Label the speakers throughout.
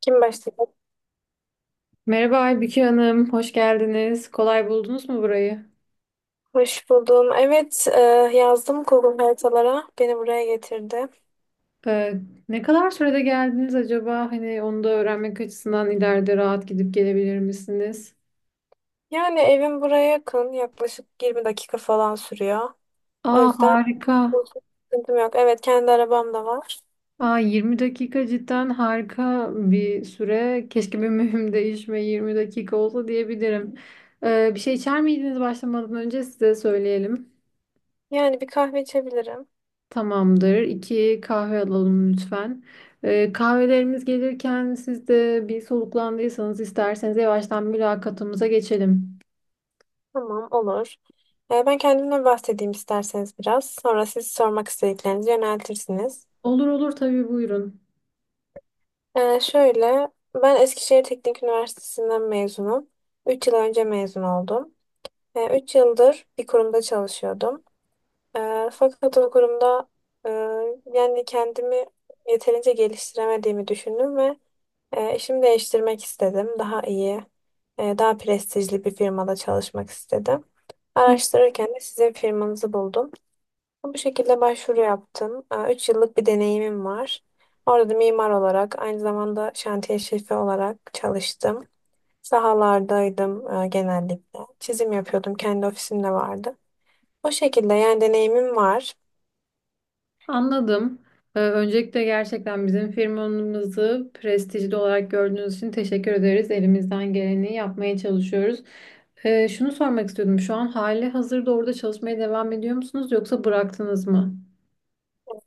Speaker 1: Kim başladı?
Speaker 2: Merhaba Aybüke Hanım, hoş geldiniz. Kolay buldunuz mu burayı?
Speaker 1: Hoş buldum. Evet, yazdım Google haritalara. Beni buraya getirdi.
Speaker 2: Ee, Ne kadar sürede geldiniz acaba? Hani onu da öğrenmek açısından ileride rahat gidip gelebilir misiniz?
Speaker 1: Yani evim buraya yakın. Yaklaşık 20 dakika falan sürüyor. O
Speaker 2: Aa
Speaker 1: yüzden
Speaker 2: harika.
Speaker 1: bu sıkıntım yok. Evet, kendi arabam da var.
Speaker 2: Aa 20 dakika cidden harika bir süre. Keşke bir mühim değişme 20 dakika olsa diyebilirim. Bir şey içer miydiniz başlamadan önce size söyleyelim.
Speaker 1: Yani bir kahve içebilirim.
Speaker 2: Tamamdır. İki kahve alalım lütfen. Kahvelerimiz gelirken siz de bir soluklandıysanız isterseniz yavaştan mülakatımıza geçelim.
Speaker 1: Tamam, olur. Ben kendimden bahsedeyim isterseniz biraz. Sonra siz sormak istediklerinizi yöneltirsiniz.
Speaker 2: Olur olur tabii buyurun.
Speaker 1: E, şöyle, ben Eskişehir Teknik Üniversitesi'nden mezunum. 3 yıl önce mezun oldum. Üç yıldır bir kurumda çalışıyordum. Fakat o kurumda e, yani kendimi yeterince geliştiremediğimi düşündüm ve işimi değiştirmek istedim. Daha iyi, daha prestijli bir firmada çalışmak istedim.
Speaker 2: Hı.
Speaker 1: Araştırırken de sizin firmanızı buldum. Bu şekilde başvuru yaptım. Üç yıllık bir deneyimim var. Orada da mimar olarak, aynı zamanda şantiye şefi olarak çalıştım. Sahalardaydım genellikle. Çizim yapıyordum, kendi ofisim de vardı. O şekilde yani deneyimim var.
Speaker 2: Anladım. Öncelikle gerçekten bizim firmamızı prestijli olarak gördüğünüz için teşekkür ederiz. Elimizden geleni yapmaya çalışıyoruz. Şunu sormak istiyordum. Şu an hali hazırda orada çalışmaya devam ediyor musunuz yoksa bıraktınız mı?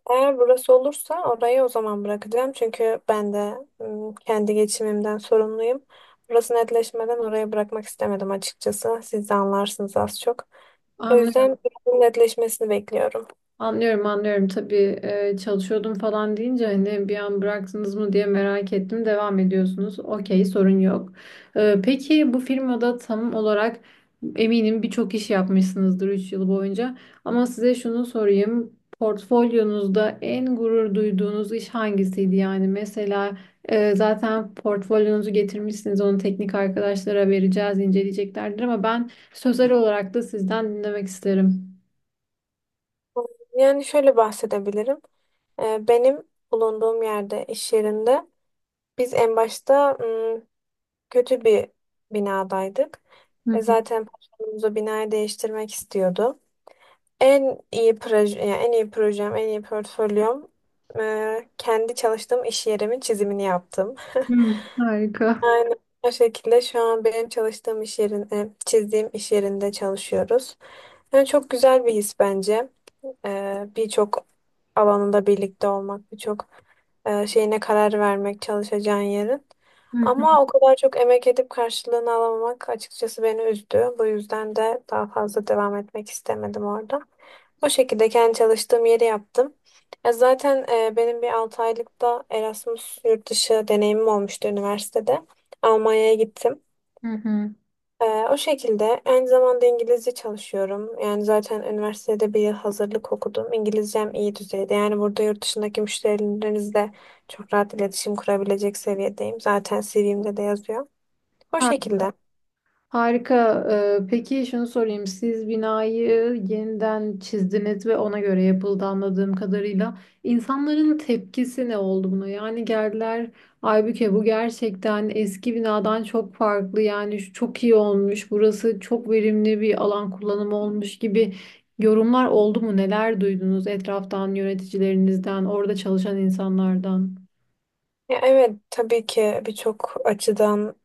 Speaker 1: Eğer burası olursa orayı o zaman bırakacağım. Çünkü ben de kendi geçimimden sorumluyum. Burası netleşmeden oraya bırakmak istemedim açıkçası. Siz de anlarsınız az çok. O
Speaker 2: Anlıyorum.
Speaker 1: yüzden buranın netleşmesini bekliyorum.
Speaker 2: Anlıyorum anlıyorum tabii çalışıyordum falan deyince hani bir an bıraktınız mı diye merak ettim devam ediyorsunuz okey sorun yok. Peki bu firmada tam olarak eminim birçok iş yapmışsınızdır 3 yıl boyunca ama size şunu sorayım portfolyonuzda en gurur duyduğunuz iş hangisiydi yani mesela zaten portfolyonuzu getirmişsiniz onu teknik arkadaşlara vereceğiz inceleyeceklerdir ama ben sözel olarak da sizden dinlemek isterim.
Speaker 1: Yani şöyle bahsedebilirim. Benim bulunduğum yerde, iş yerinde biz en başta kötü bir binadaydık. Zaten patronumuz o binayı değiştirmek istiyordu. En iyi proje, yani en iyi projem, en iyi portfolyom kendi çalıştığım iş yerimin çizimini yaptım.
Speaker 2: Hı, harika.
Speaker 1: Aynen o şekilde şu an benim çalıştığım iş yerinde, çizdiğim iş yerinde çalışıyoruz. Yani çok güzel bir his bence. Birçok alanında birlikte olmak, birçok şeyine karar vermek çalışacağın yerin.
Speaker 2: Hı hı,
Speaker 1: Ama o kadar çok emek edip karşılığını alamamak açıkçası beni üzdü. Bu yüzden de daha fazla devam etmek istemedim orada. O şekilde kendi çalıştığım yeri yaptım. Ya zaten benim bir 6 aylık da Erasmus yurt dışı deneyimim olmuştu üniversitede. Almanya'ya gittim.
Speaker 2: hı hı.
Speaker 1: O şekilde aynı zamanda İngilizce çalışıyorum. Yani zaten üniversitede bir yıl hazırlık okudum. İngilizcem iyi düzeyde. Yani burada yurt dışındaki müşterilerinizle çok rahat iletişim kurabilecek seviyedeyim. Zaten CV'mde de yazıyor. O
Speaker 2: Har-
Speaker 1: şekilde.
Speaker 2: Harika. Peki şunu sorayım. Siz binayı yeniden çizdiniz ve ona göre yapıldı anladığım kadarıyla. İnsanların tepkisi ne oldu buna? Yani geldiler, Aybüke bu gerçekten eski binadan çok farklı. Yani şu çok iyi olmuş. Burası çok verimli bir alan kullanımı olmuş gibi yorumlar oldu mu? Neler duydunuz etraftan, yöneticilerinizden, orada çalışan insanlardan?
Speaker 1: Ya evet, tabii ki birçok açıdan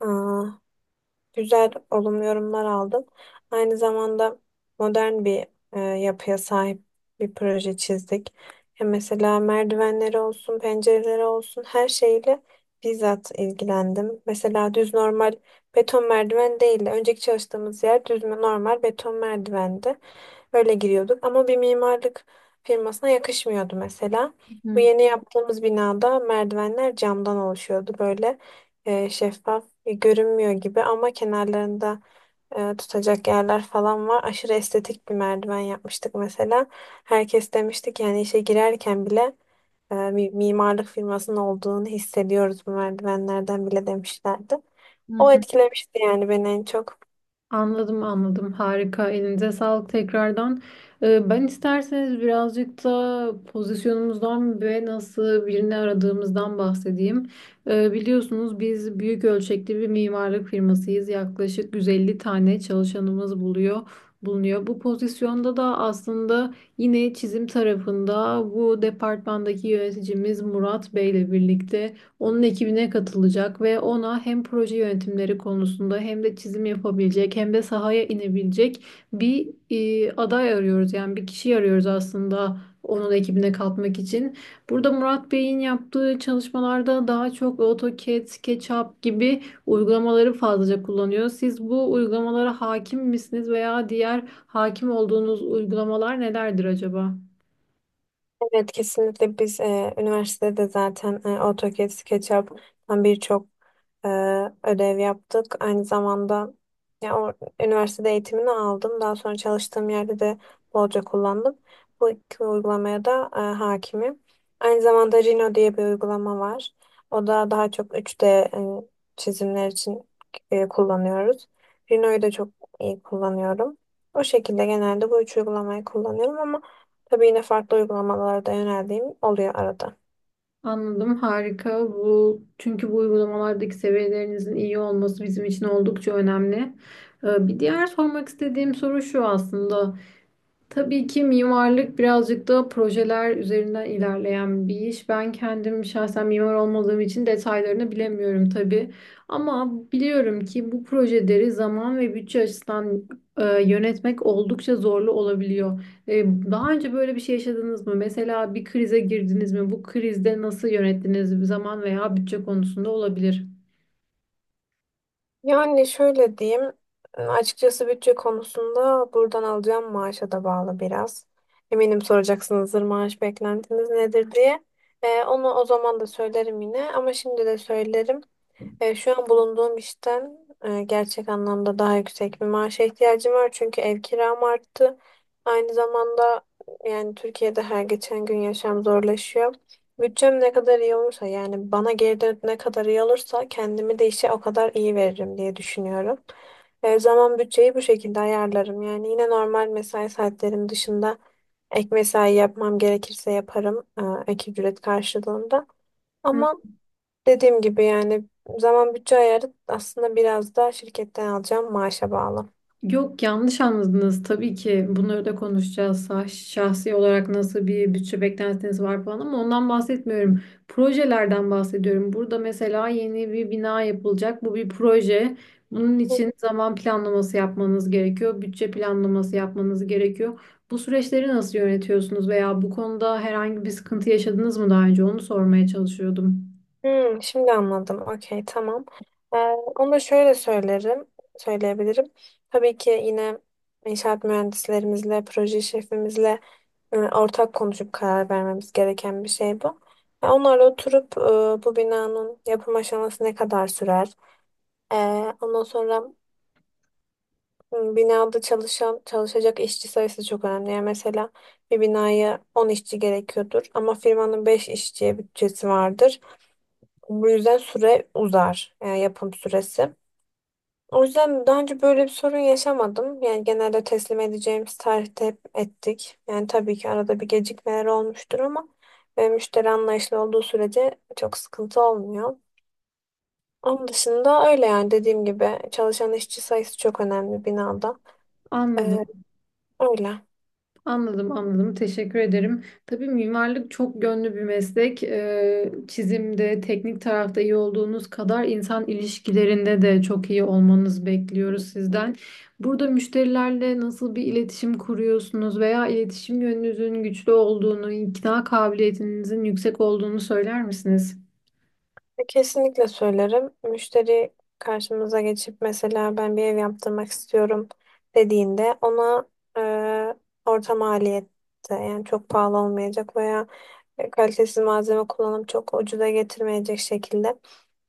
Speaker 1: güzel olumlu yorumlar aldım. Aynı zamanda modern bir yapıya sahip bir proje çizdik. Ya mesela merdivenleri olsun, pencereleri olsun her şeyle bizzat ilgilendim. Mesela düz normal beton merdiven değil de önceki çalıştığımız yer düz normal beton merdivendi. Öyle giriyorduk ama bir mimarlık firmasına yakışmıyordu mesela. Bu
Speaker 2: Hı
Speaker 1: yeni yaptığımız binada merdivenler camdan oluşuyordu böyle şeffaf. Görünmüyor gibi ama kenarlarında tutacak yerler falan var. Aşırı estetik bir merdiven yapmıştık mesela. Herkes demişti ki yani işe girerken bile mimarlık firmasının olduğunu hissediyoruz bu merdivenlerden bile demişlerdi. O
Speaker 2: hı.
Speaker 1: etkilemişti yani beni en çok.
Speaker 2: Anladım anladım harika elinize sağlık tekrardan. Ben isterseniz birazcık da pozisyonumuzdan ve nasıl birini aradığımızdan bahsedeyim. Biliyorsunuz biz büyük ölçekli bir mimarlık firmasıyız. Yaklaşık 150 tane çalışanımız bulunuyor. Bu pozisyonda da aslında yine çizim tarafında bu departmandaki yöneticimiz Murat Bey ile birlikte onun ekibine katılacak ve ona hem proje yönetimleri konusunda hem de çizim yapabilecek hem de sahaya inebilecek bir aday arıyoruz. Yani bir kişi arıyoruz aslında onun ekibine katmak için. Burada Murat Bey'in yaptığı çalışmalarda daha çok AutoCAD, SketchUp gibi uygulamaları fazlaca kullanıyor. Siz bu uygulamalara hakim misiniz veya diğer hakim olduğunuz uygulamalar nelerdir acaba?
Speaker 1: Evet, kesinlikle biz üniversitede zaten AutoCAD, SketchUp'tan birçok e, ödev yaptık. Aynı zamanda ya, o, üniversitede eğitimini aldım. Daha sonra çalıştığım yerde de bolca kullandım. Bu iki uygulamaya da hakimim. Aynı zamanda Rhino diye bir uygulama var. O da daha çok 3D çizimler için kullanıyoruz. Rhino'yu da çok iyi kullanıyorum. O şekilde genelde bu üç uygulamayı kullanıyorum ama tabii yine farklı uygulamalara da yöneldiğim oluyor arada.
Speaker 2: Anladım, harika. Bu çünkü bu uygulamalardaki seviyelerinizin iyi olması bizim için oldukça önemli. Bir diğer sormak istediğim soru şu aslında. Tabii ki mimarlık birazcık da projeler üzerinden ilerleyen bir iş. Ben kendim şahsen mimar olmadığım için detaylarını bilemiyorum tabii. Ama biliyorum ki bu projeleri zaman ve bütçe açısından yönetmek oldukça zorlu olabiliyor. Daha önce böyle bir şey yaşadınız mı? Mesela bir krize girdiniz mi? Bu krizde nasıl yönettiniz? Zaman veya bütçe konusunda olabilir.
Speaker 1: Yani şöyle diyeyim, açıkçası bütçe konusunda buradan alacağım maaşa da bağlı biraz. Eminim soracaksınızdır maaş beklentiniz nedir diye. Onu o zaman da söylerim yine ama şimdi de söylerim. Şu an bulunduğum işten gerçek anlamda daha yüksek bir maaşa ihtiyacım var. Çünkü ev kiram arttı. Aynı zamanda yani Türkiye'de her geçen gün yaşam zorlaşıyor. Bütçem ne kadar iyi olursa yani bana geri dönüp ne kadar iyi olursa kendimi de işe o kadar iyi veririm diye düşünüyorum. Zaman bütçeyi bu şekilde ayarlarım. Yani yine normal mesai saatlerim dışında ek mesai yapmam gerekirse yaparım ek ücret karşılığında. Ama dediğim gibi yani zaman bütçe ayarı aslında biraz da şirketten alacağım maaşa bağlı.
Speaker 2: Yok yanlış anladınız tabii ki bunları da konuşacağız. Şahsi olarak nasıl bir bütçe beklentiniz var falan ama ondan bahsetmiyorum. Projelerden bahsediyorum. Burada mesela yeni bir bina yapılacak. Bu bir proje. Bunun
Speaker 1: Hı.
Speaker 2: için zaman planlaması yapmanız gerekiyor. Bütçe planlaması yapmanız gerekiyor. Bu süreçleri nasıl yönetiyorsunuz veya bu konuda herhangi bir sıkıntı yaşadınız mı daha önce? Onu sormaya çalışıyordum.
Speaker 1: Hmm, şimdi anladım. Okey, tamam. Ee, onu da şöyle söylerim, söyleyebilirim. Tabii ki yine inşaat mühendislerimizle, proje şefimizle ortak konuşup karar vermemiz gereken bir şey bu. Ya onlarla oturup bu binanın yapım aşaması ne kadar sürer? E, ondan sonra binada çalışan, çalışacak işçi sayısı çok önemli. Yani mesela bir binaya 10 işçi gerekiyordur ama firmanın 5 işçiye bütçesi vardır. Bu yüzden süre uzar, yani yapım süresi. O yüzden daha önce böyle bir sorun yaşamadım. Yani genelde teslim edeceğimiz tarihte hep ettik. Yani tabii ki arada bir gecikmeler olmuştur ama müşteri anlayışlı olduğu sürece çok sıkıntı olmuyor. Onun dışında öyle yani dediğim gibi çalışan işçi sayısı çok önemli binada.
Speaker 2: Anladım.
Speaker 1: Ee, öyle.
Speaker 2: Anladım, anladım. Teşekkür ederim. Tabii mimarlık çok gönlü bir meslek. Çizimde, teknik tarafta iyi olduğunuz kadar insan ilişkilerinde de çok iyi olmanızı bekliyoruz sizden. Burada müşterilerle nasıl bir iletişim kuruyorsunuz veya iletişim yönünüzün güçlü olduğunu, ikna kabiliyetinizin yüksek olduğunu söyler misiniz?
Speaker 1: Kesinlikle söylerim. Müşteri karşımıza geçip mesela ben bir ev yaptırmak istiyorum dediğinde ona e, orta maliyette yani çok pahalı olmayacak veya kalitesiz malzeme kullanıp çok ucuza getirmeyecek şekilde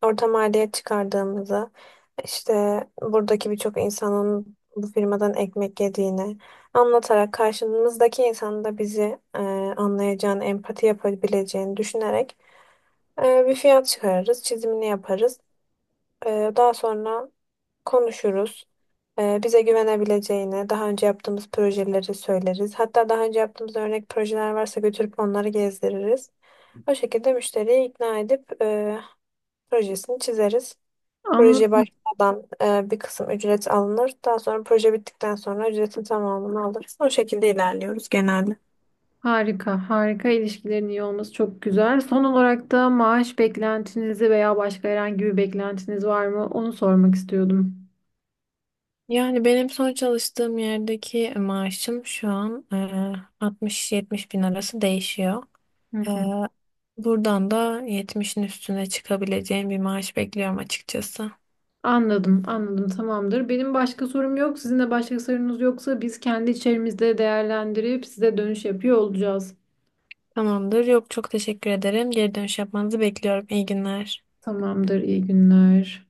Speaker 1: orta maliyet çıkardığımızı işte buradaki birçok insanın bu firmadan ekmek yediğini anlatarak karşımızdaki insanın da bizi anlayacağını, empati yapabileceğini düşünerek bir fiyat çıkarırız, çizimini yaparız. Daha sonra konuşuruz. Bize güvenebileceğini, daha önce yaptığımız projeleri söyleriz. Hatta daha önce yaptığımız örnek projeler varsa götürüp onları gezdiririz. O şekilde müşteriyi ikna edip projesini çizeriz. Proje
Speaker 2: Anladım.
Speaker 1: başlamadan bir kısım ücret alınır. Daha sonra proje bittikten sonra ücretin tamamını alırız. O şekilde ilerliyoruz genelde.
Speaker 2: Harika, harika ilişkilerin iyi olması çok güzel. Son olarak da maaş beklentinizi veya başka herhangi bir beklentiniz var mı? Onu sormak istiyordum.
Speaker 1: Yani benim son çalıştığım yerdeki maaşım şu an 60-70 bin arası değişiyor.
Speaker 2: Hı
Speaker 1: Eee,
Speaker 2: hı.
Speaker 1: buradan da 70'in üstüne çıkabileceğim bir maaş bekliyorum açıkçası.
Speaker 2: Anladım, anladım. Tamamdır. Benim başka sorum yok. Sizin de başka sorunuz yoksa biz kendi içerimizde değerlendirip size dönüş yapıyor olacağız.
Speaker 1: Tamamdır. Yok, çok teşekkür ederim. Geri dönüş yapmanızı bekliyorum. İyi günler.
Speaker 2: Tamamdır. İyi günler.